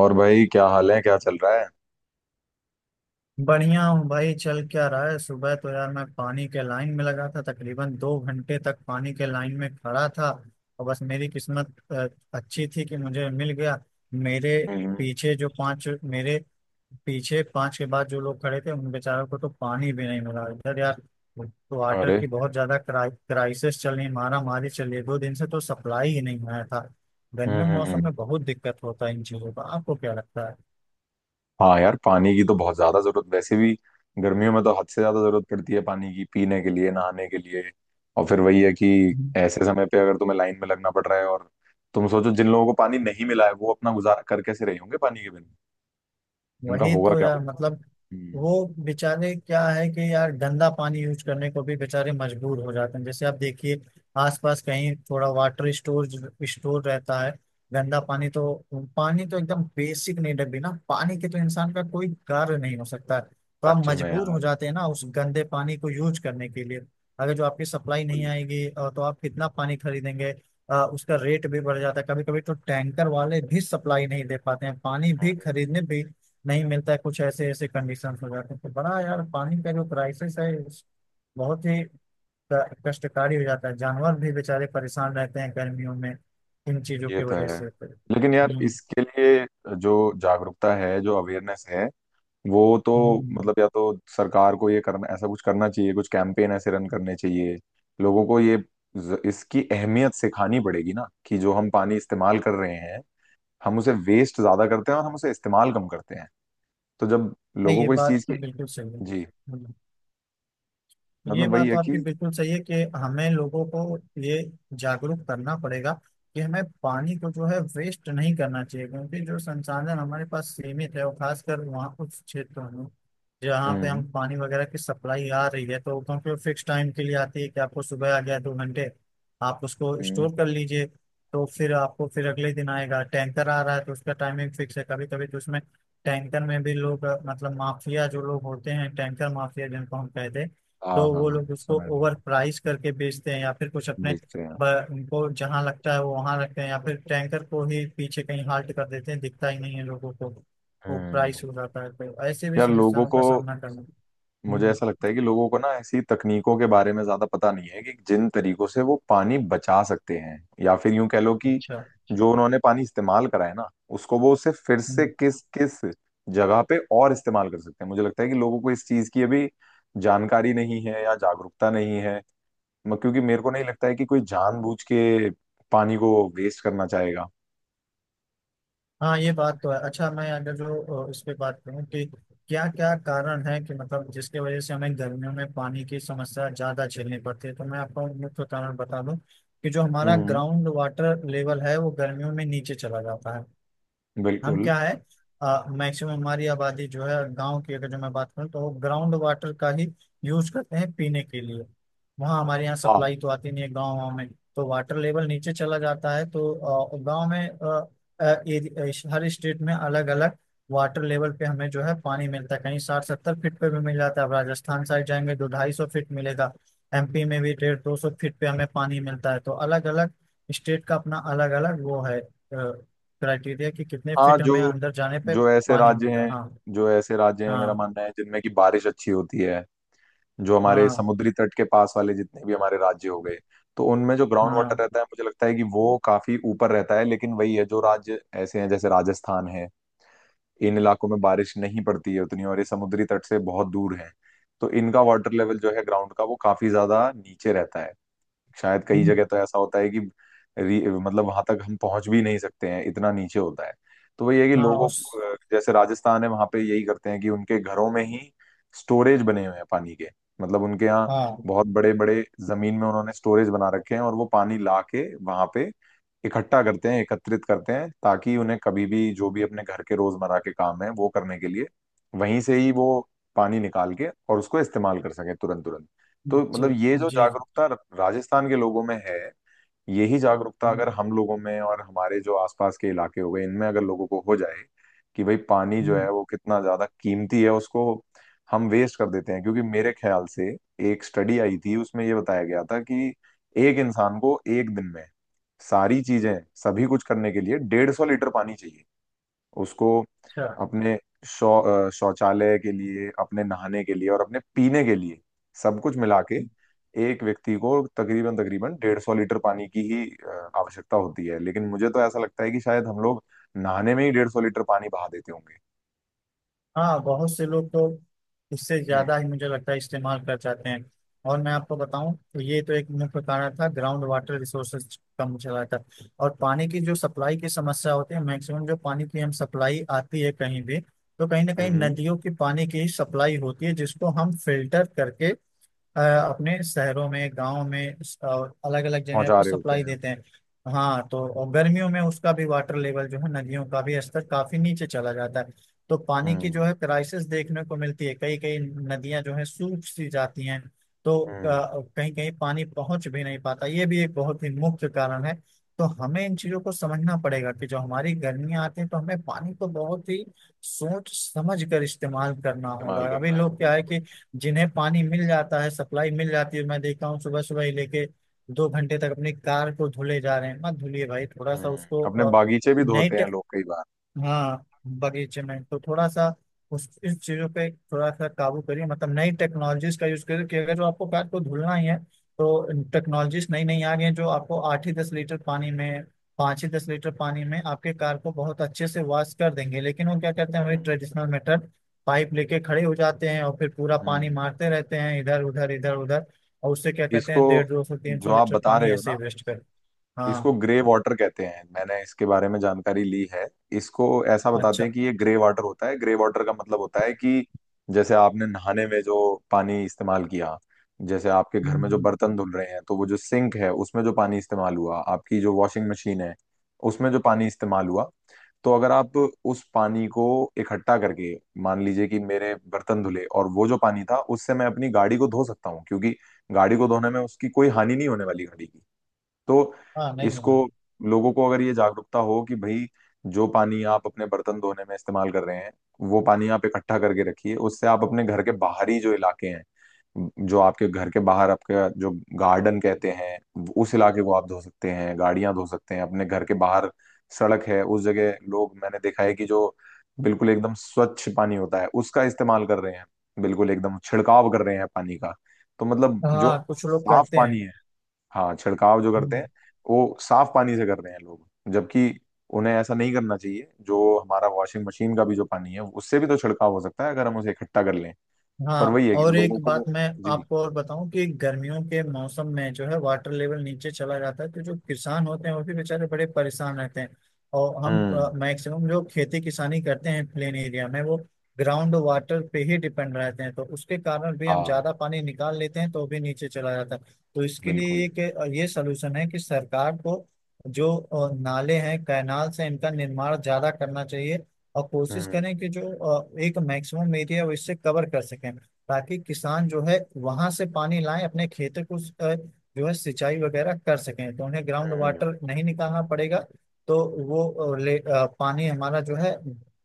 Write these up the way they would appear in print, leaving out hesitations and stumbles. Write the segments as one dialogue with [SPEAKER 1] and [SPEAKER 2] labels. [SPEAKER 1] और भाई क्या हाल है? क्या चल रहा है?
[SPEAKER 2] बढ़िया हूँ भाई। चल क्या रहा है। सुबह तो यार मैं पानी के लाइन में लगा था, तकरीबन 2 घंटे तक पानी के लाइन में खड़ा था। और बस मेरी किस्मत अच्छी थी कि मुझे मिल गया। मेरे
[SPEAKER 1] हम्म।
[SPEAKER 2] पीछे जो पांच मेरे पीछे पांच के बाद जो लोग खड़े थे उन बेचारों को तो पानी भी नहीं मिला इधर यार। तो वाटर
[SPEAKER 1] अरे!
[SPEAKER 2] की बहुत ज्यादा क्राइसिस चल रही है, मारामारी चल रही है। दो दिन से तो सप्लाई ही नहीं आया था।
[SPEAKER 1] हम्म
[SPEAKER 2] गर्मियों के
[SPEAKER 1] हम्म,
[SPEAKER 2] मौसम
[SPEAKER 1] हम्म।
[SPEAKER 2] में बहुत दिक्कत होता है इन चीजों का। आपको क्या लगता
[SPEAKER 1] हाँ यार, पानी की तो बहुत ज्यादा जरूरत वैसे भी गर्मियों में तो हद से ज्यादा जरूरत पड़ती है, पानी की पीने के लिए, नहाने के लिए। और फिर वही है कि
[SPEAKER 2] है।
[SPEAKER 1] ऐसे समय पे अगर तुम्हें लाइन में लगना पड़ रहा है, और तुम सोचो जिन लोगों को पानी नहीं मिला है वो अपना गुजारा कर कैसे रहे होंगे पानी के बिना? उनका
[SPEAKER 2] वही
[SPEAKER 1] होगा
[SPEAKER 2] तो
[SPEAKER 1] क्या?
[SPEAKER 2] यार मतलब
[SPEAKER 1] हम्म,
[SPEAKER 2] वो बेचारे क्या है कि यार गंदा पानी यूज करने को भी बेचारे मजबूर हो जाते हैं। जैसे आप देखिए आसपास कहीं थोड़ा वाटर स्टोर स्टोर रहता है गंदा पानी। पानी तो एकदम बेसिक नीड है। बिना पानी के तो इंसान का कोई कार्य नहीं हो सकता है, तो आप
[SPEAKER 1] सच में
[SPEAKER 2] मजबूर
[SPEAKER 1] यार।
[SPEAKER 2] हो जाते हैं ना उस गंदे पानी को यूज करने के लिए। अगर जो आपकी सप्लाई नहीं
[SPEAKER 1] बिल्कुल।
[SPEAKER 2] आएगी तो आप कितना पानी खरीदेंगे। उसका रेट भी बढ़ जाता है। कभी कभी तो टैंकर वाले भी सप्लाई नहीं दे पाते हैं, पानी भी खरीदने भी नहीं मिलता है। कुछ ऐसे ऐसे कंडीशंस हो जाते हैं। तो बड़ा यार पानी का जो क्राइसिस है बहुत ही कष्टकारी हो जाता है। जानवर भी बेचारे परेशान रहते हैं गर्मियों में इन चीजों
[SPEAKER 1] ये
[SPEAKER 2] की
[SPEAKER 1] तो
[SPEAKER 2] वजह
[SPEAKER 1] है।
[SPEAKER 2] से।
[SPEAKER 1] लेकिन यार, इसके लिए जो जागरूकता है, जो अवेयरनेस है, वो तो
[SPEAKER 2] हम्म।
[SPEAKER 1] मतलब या तो सरकार को ये करना, ऐसा कुछ करना चाहिए, कुछ कैंपेन ऐसे रन करने चाहिए। लोगों को ये इसकी अहमियत सिखानी पड़ेगी ना कि जो हम पानी इस्तेमाल कर रहे हैं, हम उसे वेस्ट ज्यादा करते हैं और हम उसे इस्तेमाल कम करते हैं। तो जब
[SPEAKER 2] नहीं
[SPEAKER 1] लोगों
[SPEAKER 2] ये
[SPEAKER 1] को इस
[SPEAKER 2] बात
[SPEAKER 1] चीज
[SPEAKER 2] तो
[SPEAKER 1] की।
[SPEAKER 2] बिल्कुल सही है।
[SPEAKER 1] जी।
[SPEAKER 2] ये
[SPEAKER 1] मतलब वही
[SPEAKER 2] बात
[SPEAKER 1] है
[SPEAKER 2] तो आपकी
[SPEAKER 1] कि
[SPEAKER 2] बिल्कुल सही है कि हमें लोगों को ये जागरूक करना पड़ेगा कि हमें पानी को जो है वेस्ट नहीं करना चाहिए। क्योंकि जो संसाधन हमारे पास सीमित है, और खासकर वहाँ कुछ क्षेत्रों में जहाँ पे
[SPEAKER 1] हम्म
[SPEAKER 2] हम पानी वगैरह की सप्लाई आ रही है, तो क्योंकि फिक्स टाइम के लिए आती है कि आपको सुबह आ गया दो घंटे, आप उसको
[SPEAKER 1] हम्म।
[SPEAKER 2] स्टोर कर लीजिए। तो फिर आपको फिर अगले दिन आएगा। टैंकर आ रहा है तो उसका टाइमिंग फिक्स है। कभी कभी तो उसमें टैंकर में भी लोग मतलब माफिया, जो लोग होते हैं टैंकर माफिया जिनको हम कहते हैं,
[SPEAKER 1] हाँ
[SPEAKER 2] तो
[SPEAKER 1] हाँ
[SPEAKER 2] वो
[SPEAKER 1] हाँ
[SPEAKER 2] लोग उसको
[SPEAKER 1] सुना है
[SPEAKER 2] ओवर
[SPEAKER 1] मैंने,
[SPEAKER 2] प्राइस करके बेचते हैं। या फिर कुछ अपने
[SPEAKER 1] देखते हैं।
[SPEAKER 2] उनको जहां लगता है वो वहां रखते हैं, या फिर टैंकर को ही पीछे कहीं हाल्ट कर देते हैं, दिखता ही नहीं है लोगों को। वो प्राइस
[SPEAKER 1] हम्म।
[SPEAKER 2] हो जाता है। तो ऐसे भी
[SPEAKER 1] यार लोगों
[SPEAKER 2] समस्याओं का
[SPEAKER 1] को,
[SPEAKER 2] सामना करना।
[SPEAKER 1] मुझे
[SPEAKER 2] हम्म।
[SPEAKER 1] ऐसा लगता है कि लोगों को ना ऐसी तकनीकों के बारे में ज्यादा पता नहीं है कि जिन तरीकों से वो पानी बचा सकते हैं। या फिर यूं कह लो कि
[SPEAKER 2] अच्छा।
[SPEAKER 1] जो उन्होंने पानी इस्तेमाल करा है ना, उसको वो उसे फिर से
[SPEAKER 2] हम्म।
[SPEAKER 1] किस किस जगह पे और इस्तेमाल कर सकते हैं। मुझे लगता है कि लोगों को इस चीज की अभी जानकारी नहीं है या जागरूकता नहीं है। क्योंकि मेरे को नहीं लगता है कि कोई जानबूझ के पानी को वेस्ट करना चाहेगा।
[SPEAKER 2] हाँ ये बात तो है। अच्छा मैं अगर जो इस पे बात करूँ कि क्या क्या कारण है कि मतलब जिसके वजह से हमें गर्मियों में पानी की समस्या ज्यादा झेलनी पड़ती है, तो मैं आपको मुख्य कारण बता दूं कि जो हमारा
[SPEAKER 1] हम्म।
[SPEAKER 2] ग्राउंड वाटर लेवल है वो गर्मियों में नीचे चला जाता है। हम
[SPEAKER 1] बिल्कुल।
[SPEAKER 2] क्या है, मैक्सिमम हमारी आबादी जो है गांव की, अगर जो मैं बात करूँ, तो वो ग्राउंड वाटर का ही यूज करते हैं पीने के लिए। वहाँ हमारे यहाँ
[SPEAKER 1] हाँ।
[SPEAKER 2] सप्लाई तो आती नहीं है गाँव में। तो वाटर लेवल नीचे चला जाता है। तो गांव में हर स्टेट में अलग अलग वाटर लेवल पे हमें जो है पानी मिलता है। कहीं 60 70 फीट पे भी मिल जाता है। अब राजस्थान साइड जाएंगे तो 250 फीट मिलेगा। एमपी में भी 150 200 फीट पे हमें पानी मिलता है। तो अलग अलग स्टेट का अपना अलग अलग वो है क्राइटेरिया कि कितने
[SPEAKER 1] हाँ
[SPEAKER 2] फिट हमें
[SPEAKER 1] जो
[SPEAKER 2] अंदर जाने पे
[SPEAKER 1] जो ऐसे
[SPEAKER 2] पानी
[SPEAKER 1] राज्य
[SPEAKER 2] मिलता है।
[SPEAKER 1] हैं,
[SPEAKER 2] हाँ
[SPEAKER 1] जो ऐसे राज्य हैं मेरा
[SPEAKER 2] हाँ।
[SPEAKER 1] मानना है जिनमें की बारिश अच्छी होती है, जो हमारे
[SPEAKER 2] हाँ
[SPEAKER 1] समुद्री तट के पास वाले जितने भी हमारे राज्य हो गए, तो उनमें जो ग्राउंड वाटर
[SPEAKER 2] हाँ।
[SPEAKER 1] रहता है मुझे लगता है कि वो काफी ऊपर रहता है। लेकिन वही है, जो राज्य ऐसे हैं जैसे राजस्थान है, इन इलाकों में बारिश नहीं पड़ती है उतनी और ये समुद्री तट से बहुत दूर है, तो इनका वाटर लेवल जो है ग्राउंड का, वो काफी ज्यादा नीचे रहता है। शायद कई
[SPEAKER 2] हम्म,
[SPEAKER 1] जगह तो ऐसा होता है कि मतलब वहां तक हम पहुंच भी नहीं सकते हैं, इतना नीचे होता है। तो वही है कि
[SPEAKER 2] हाँ
[SPEAKER 1] लोगों
[SPEAKER 2] उस।
[SPEAKER 1] को, जैसे राजस्थान है वहां पे यही करते हैं कि उनके घरों में ही स्टोरेज बने हुए हैं पानी के। मतलब उनके यहाँ
[SPEAKER 2] हाँ।
[SPEAKER 1] बहुत बड़े बड़े जमीन में उन्होंने स्टोरेज बना रखे हैं और वो पानी ला के वहां पे इकट्ठा करते हैं, एकत्रित करते हैं, ताकि उन्हें कभी भी जो भी अपने घर के रोजमर्रा के काम है वो करने के लिए वहीं से ही वो पानी निकाल के और उसको इस्तेमाल कर सके तुरंत तुरंत।
[SPEAKER 2] जी।
[SPEAKER 1] तो मतलब ये
[SPEAKER 2] जी
[SPEAKER 1] जो
[SPEAKER 2] जी,
[SPEAKER 1] जागरूकता राजस्थान के लोगों में है, यही जागरूकता अगर
[SPEAKER 2] हम्म।
[SPEAKER 1] हम लोगों में और हमारे जो आसपास के इलाके हो गए इनमें अगर लोगों को हो जाए कि भाई पानी जो
[SPEAKER 2] हम्म।
[SPEAKER 1] है वो कितना ज्यादा कीमती है, उसको हम वेस्ट कर देते हैं। क्योंकि मेरे ख्याल से एक स्टडी आई थी उसमें ये बताया गया था कि एक इंसान को एक दिन में सारी चीजें, सभी कुछ करने के लिए 150 लीटर पानी चाहिए उसको,
[SPEAKER 2] अच्छा।
[SPEAKER 1] अपने शौचालय के लिए, अपने नहाने के लिए और अपने पीने के लिए सब कुछ मिला के
[SPEAKER 2] हम्म।
[SPEAKER 1] एक व्यक्ति को तकरीबन तकरीबन 150 लीटर पानी की ही आवश्यकता होती है। लेकिन मुझे तो ऐसा लगता है कि शायद हम लोग नहाने में ही 150 लीटर पानी बहा देते होंगे।
[SPEAKER 2] हाँ, बहुत से लोग तो इससे ज्यादा ही मुझे लगता है इस्तेमाल कर जाते हैं। और मैं आपको बताऊं तो ये तो एक मुख्य कारण था, ग्राउंड वाटर रिसोर्सेज कम चला था। और पानी की जो सप्लाई की समस्या होती है, मैक्सिमम जो पानी की हम सप्लाई आती है कहीं भी, तो कहीं ना कहीं
[SPEAKER 1] हम्म।
[SPEAKER 2] नदियों के पानी की सप्लाई होती है जिसको हम फिल्टर करके अपने शहरों में, गांव में, अलग अलग जगह
[SPEAKER 1] पहुंचा
[SPEAKER 2] पे
[SPEAKER 1] रहे होते
[SPEAKER 2] सप्लाई
[SPEAKER 1] हैं।
[SPEAKER 2] देते हैं। हाँ, तो और गर्मियों में उसका भी वाटर लेवल जो है, नदियों का भी स्तर काफी नीचे चला जाता है। तो पानी की
[SPEAKER 1] हम्म।
[SPEAKER 2] जो है क्राइसिस देखने को मिलती है। कई कई नदियां जो है सूख सी जाती हैं। तो
[SPEAKER 1] हम्म।
[SPEAKER 2] कहीं कहीं पानी पहुंच भी नहीं पाता। ये भी एक बहुत ही मुख्य कारण है। तो हमें इन चीजों को समझना पड़ेगा कि जो हमारी गर्मियां आती हैं, तो हमें पानी को बहुत ही सोच समझ कर इस्तेमाल करना होगा।
[SPEAKER 1] इस्तेमाल
[SPEAKER 2] अभी
[SPEAKER 1] करना है
[SPEAKER 2] लोग क्या है
[SPEAKER 1] बिल्कुल।
[SPEAKER 2] कि जिन्हें पानी मिल जाता है, सप्लाई मिल जाती है, मैं देखता हूँ सुबह सुबह ही लेके 2 घंटे तक अपनी कार को धुले जा रहे हैं। मत धुलिए भाई, थोड़ा सा
[SPEAKER 1] हम्म,
[SPEAKER 2] उसको
[SPEAKER 1] अपने बागीचे भी
[SPEAKER 2] नई
[SPEAKER 1] धोते हैं
[SPEAKER 2] टे-
[SPEAKER 1] लोग कई बार।
[SPEAKER 2] हाँ, बगीचे में तो थोड़ा सा उस इस चीजों पे थोड़ा सा काबू करिए। मतलब नई टेक्नोलॉजीज का यूज करिए कि अगर जो आपको कार को धुलना ही है, तो टेक्नोलॉजीज नई नई आ गई हैं जो आपको 8 ही 10 लीटर पानी में, 5 ही 10 लीटर पानी में आपके कार को बहुत अच्छे से वॉश कर देंगे। लेकिन वो क्या करते हैं, वही
[SPEAKER 1] हम्म।
[SPEAKER 2] ट्रेडिशनल मेथड, पाइप लेके खड़े हो जाते हैं और फिर पूरा पानी
[SPEAKER 1] हम्म।
[SPEAKER 2] मारते रहते हैं इधर उधर इधर उधर। और उससे क्या कहते
[SPEAKER 1] इसको,
[SPEAKER 2] हैं, डेढ़ दो सौ तीन सौ
[SPEAKER 1] जो आप
[SPEAKER 2] लीटर
[SPEAKER 1] बता रहे
[SPEAKER 2] पानी
[SPEAKER 1] हो
[SPEAKER 2] ऐसे ही
[SPEAKER 1] ना,
[SPEAKER 2] वेस्ट कर।
[SPEAKER 1] इसको
[SPEAKER 2] हाँ।
[SPEAKER 1] ग्रे वाटर कहते हैं, मैंने इसके बारे में जानकारी ली है। इसको ऐसा बताते
[SPEAKER 2] अच्छा।
[SPEAKER 1] हैं कि ये ग्रे वाटर होता है। ग्रे वाटर का मतलब होता है कि जैसे आपने नहाने में जो पानी इस्तेमाल किया, जैसे आपके
[SPEAKER 2] हम्म।
[SPEAKER 1] घर में जो
[SPEAKER 2] हम्म।
[SPEAKER 1] बर्तन धुल रहे हैं तो वो जो सिंक है उसमें जो पानी इस्तेमाल हुआ, आपकी जो वॉशिंग मशीन है उसमें जो पानी इस्तेमाल हुआ, तो अगर आप उस पानी को इकट्ठा करके, मान लीजिए कि मेरे बर्तन धुले और वो जो पानी था उससे मैं अपनी गाड़ी को धो सकता हूँ, क्योंकि गाड़ी को धोने में उसकी कोई हानि नहीं होने वाली गाड़ी की। तो
[SPEAKER 2] हाँ, नहीं होगा।
[SPEAKER 1] इसको, लोगों को अगर ये जागरूकता हो कि भाई जो पानी आप अपने बर्तन धोने में इस्तेमाल कर रहे हैं, वो पानी आप इकट्ठा करके रखिए। उससे आप अपने घर के बाहरी जो इलाके हैं, जो आपके घर के बाहर आपका जो गार्डन कहते हैं, उस इलाके को आप धो सकते हैं, गाड़ियां धो सकते हैं। अपने घर के बाहर सड़क है उस जगह लोग, मैंने देखा है कि जो बिल्कुल एकदम स्वच्छ पानी होता है उसका इस्तेमाल कर रहे हैं, बिल्कुल एकदम छिड़काव कर रहे हैं पानी का। तो मतलब जो
[SPEAKER 2] हाँ, कुछ लोग
[SPEAKER 1] साफ
[SPEAKER 2] करते हैं।
[SPEAKER 1] पानी है, हाँ छिड़काव जो करते हैं,
[SPEAKER 2] हम्म।
[SPEAKER 1] वो साफ पानी से कर रहे हैं लोग। जबकि उन्हें ऐसा नहीं करना चाहिए, जो हमारा वॉशिंग मशीन का भी जो पानी है उससे भी तो छिड़काव हो सकता है अगर हम उसे इकट्ठा कर लें। पर
[SPEAKER 2] हाँ,
[SPEAKER 1] वही है कि
[SPEAKER 2] और
[SPEAKER 1] लोगों
[SPEAKER 2] एक बात
[SPEAKER 1] को।
[SPEAKER 2] मैं
[SPEAKER 1] जी।
[SPEAKER 2] आपको और बताऊं कि गर्मियों के मौसम में जो है वाटर लेवल नीचे चला जाता है, तो जो किसान होते हैं वो भी बेचारे बड़े परेशान रहते हैं। और हम
[SPEAKER 1] हम्म।
[SPEAKER 2] मैक्सिमम जो खेती किसानी करते हैं प्लेन एरिया में, वो ग्राउंड वाटर पे ही डिपेंड रहते हैं। तो उसके कारण भी हम
[SPEAKER 1] हाँ
[SPEAKER 2] ज्यादा पानी निकाल लेते हैं, तो भी नीचे चला जाता है। तो इसके लिए
[SPEAKER 1] बिल्कुल।
[SPEAKER 2] एक ये सलूशन है कि सरकार को जो नाले हैं कैनाल से, इनका निर्माण ज्यादा करना चाहिए। और कोशिश
[SPEAKER 1] हम्म।
[SPEAKER 2] करें कि जो एक मैक्सिमम एरिया वो इससे कवर कर सकें, ताकि किसान जो है वहां से पानी लाएं अपने खेतों को अ, जो है सिंचाई वगैरह कर सकें, तो उन्हें ग्राउंड
[SPEAKER 1] हम्म।
[SPEAKER 2] वाटर नहीं निकालना पड़ेगा। तो वो पानी हमारा जो है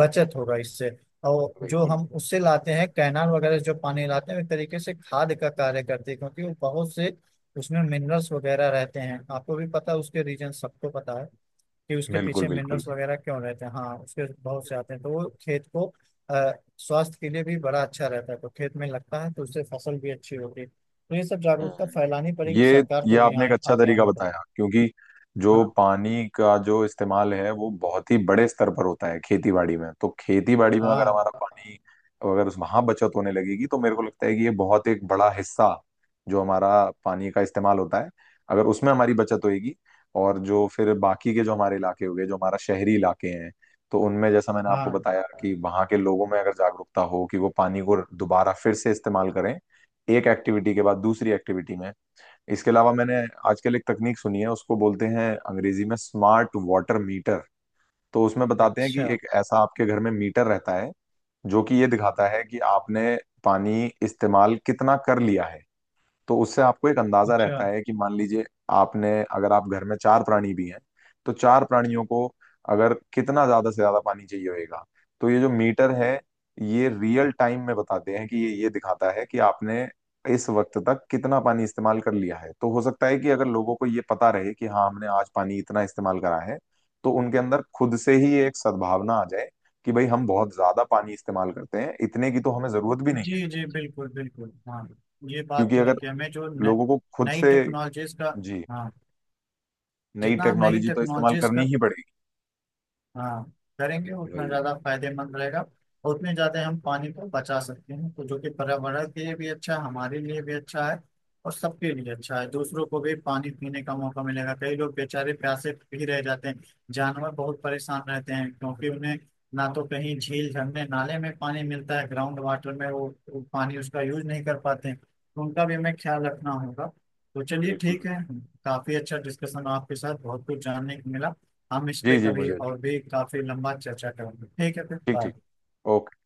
[SPEAKER 2] बचत होगा इससे। और जो
[SPEAKER 1] बिल्कुल
[SPEAKER 2] हम उससे लाते हैं कैनाल वगैरह से, जो पानी लाते हैं, एक तरीके से खाद का कार्य करते हैं। क्योंकि वो बहुत से, उसमें मिनरल्स वगैरह रहते हैं। आपको भी पता है, उसके रीजन सबको पता है कि उसके
[SPEAKER 1] बिल्कुल
[SPEAKER 2] पीछे
[SPEAKER 1] बिल्कुल।
[SPEAKER 2] मिनरल्स वगैरह क्यों रहते हैं। हाँ, उसके बहुत से आते हैं, तो वो खेत को अ, स्वास्थ्य के लिए भी बड़ा अच्छा रहता है। तो खेत में लगता है तो उससे फसल भी अच्छी होती है। तो ये सब जागरूकता
[SPEAKER 1] हम्म।
[SPEAKER 2] फैलानी पड़ेगी, सरकार
[SPEAKER 1] ये
[SPEAKER 2] को भी
[SPEAKER 1] आपने
[SPEAKER 2] यहाँ
[SPEAKER 1] एक अच्छा
[SPEAKER 2] आगे
[SPEAKER 1] तरीका
[SPEAKER 2] आना पड़ेगा।
[SPEAKER 1] बताया, क्योंकि जो
[SPEAKER 2] हाँ
[SPEAKER 1] पानी का जो इस्तेमाल है वो बहुत ही बड़े स्तर पर होता है खेती बाड़ी में, तो खेती बाड़ी में अगर
[SPEAKER 2] हाँ
[SPEAKER 1] हमारा पानी, अगर उस वहां बचत होने लगेगी तो मेरे को लगता है कि ये बहुत एक बड़ा हिस्सा जो हमारा पानी का इस्तेमाल होता है अगर उसमें हमारी बचत होगी। और जो फिर बाकी के जो हमारे इलाके हो गए, जो हमारा शहरी इलाके हैं, तो उनमें जैसा मैंने आपको
[SPEAKER 2] हाँ।
[SPEAKER 1] बताया कि वहां के लोगों में अगर जागरूकता हो कि वो पानी को दोबारा फिर से इस्तेमाल करें, एक एक्टिविटी के बाद दूसरी एक्टिविटी में। इसके अलावा मैंने आजकल एक तकनीक सुनी है उसको बोलते हैं अंग्रेजी में स्मार्ट वाटर मीटर। तो उसमें बताते हैं कि
[SPEAKER 2] अच्छा।
[SPEAKER 1] एक ऐसा आपके घर में मीटर रहता है जो कि ये दिखाता है कि आपने पानी इस्तेमाल कितना कर लिया है। तो उससे आपको एक अंदाजा
[SPEAKER 2] अच्छा।
[SPEAKER 1] रहता है कि मान लीजिए आपने, अगर आप घर में चार प्राणी भी हैं तो चार प्राणियों को अगर कितना ज्यादा से ज्यादा पानी चाहिए होगा, तो ये जो मीटर है ये रियल टाइम में बताते हैं कि ये दिखाता है कि आपने इस वक्त तक कितना पानी इस्तेमाल कर लिया है। तो हो सकता है कि अगर लोगों को ये पता रहे कि हाँ हमने आज पानी इतना इस्तेमाल करा है, तो उनके अंदर खुद से ही एक सद्भावना आ जाए कि भाई हम बहुत ज्यादा पानी इस्तेमाल करते हैं, इतने की तो हमें जरूरत भी नहीं है,
[SPEAKER 2] जी जी। बिल्कुल बिल्कुल। हाँ, ये बात
[SPEAKER 1] क्योंकि
[SPEAKER 2] तो है
[SPEAKER 1] अगर
[SPEAKER 2] कि हमें जो
[SPEAKER 1] लोगों को खुद
[SPEAKER 2] नई
[SPEAKER 1] से।
[SPEAKER 2] टेक्नोलॉजीज का।
[SPEAKER 1] जी।
[SPEAKER 2] हाँ,
[SPEAKER 1] नई
[SPEAKER 2] जितना हम नई
[SPEAKER 1] टेक्नोलॉजी तो इस्तेमाल
[SPEAKER 2] टेक्नोलॉजीज
[SPEAKER 1] करनी
[SPEAKER 2] का,
[SPEAKER 1] ही पड़ेगी।
[SPEAKER 2] हाँ करेंगे उतना
[SPEAKER 1] वही।
[SPEAKER 2] ज्यादा फायदेमंद रहेगा। और उतने ज्यादा हम पानी को बचा सकते हैं, तो जो कि पर्यावरण के लिए भी अच्छा है, हमारे लिए भी अच्छा है, और सबके लिए अच्छा है। दूसरों को भी पानी पीने का मौका मिलेगा। कई लोग बेचारे प्यासे भी रह जाते हैं। जानवर बहुत परेशान रहते हैं, क्योंकि उन्हें ना तो कहीं झील झरने नाले में पानी मिलता है, ग्राउंड वाटर में वो पानी उसका यूज नहीं कर पाते हैं। तो उनका भी हमें ख्याल रखना होगा। तो चलिए
[SPEAKER 1] बिल्कुल भी।
[SPEAKER 2] ठीक है, काफी अच्छा डिस्कशन आपके साथ, बहुत कुछ जानने को मिला। हम इस
[SPEAKER 1] जी
[SPEAKER 2] पे
[SPEAKER 1] जी,
[SPEAKER 2] कभी
[SPEAKER 1] मुझे भी।
[SPEAKER 2] और भी काफी लंबा चर्चा करेंगे। ठीक है, फिर
[SPEAKER 1] ठीक
[SPEAKER 2] बाय।
[SPEAKER 1] ठीक। ओके।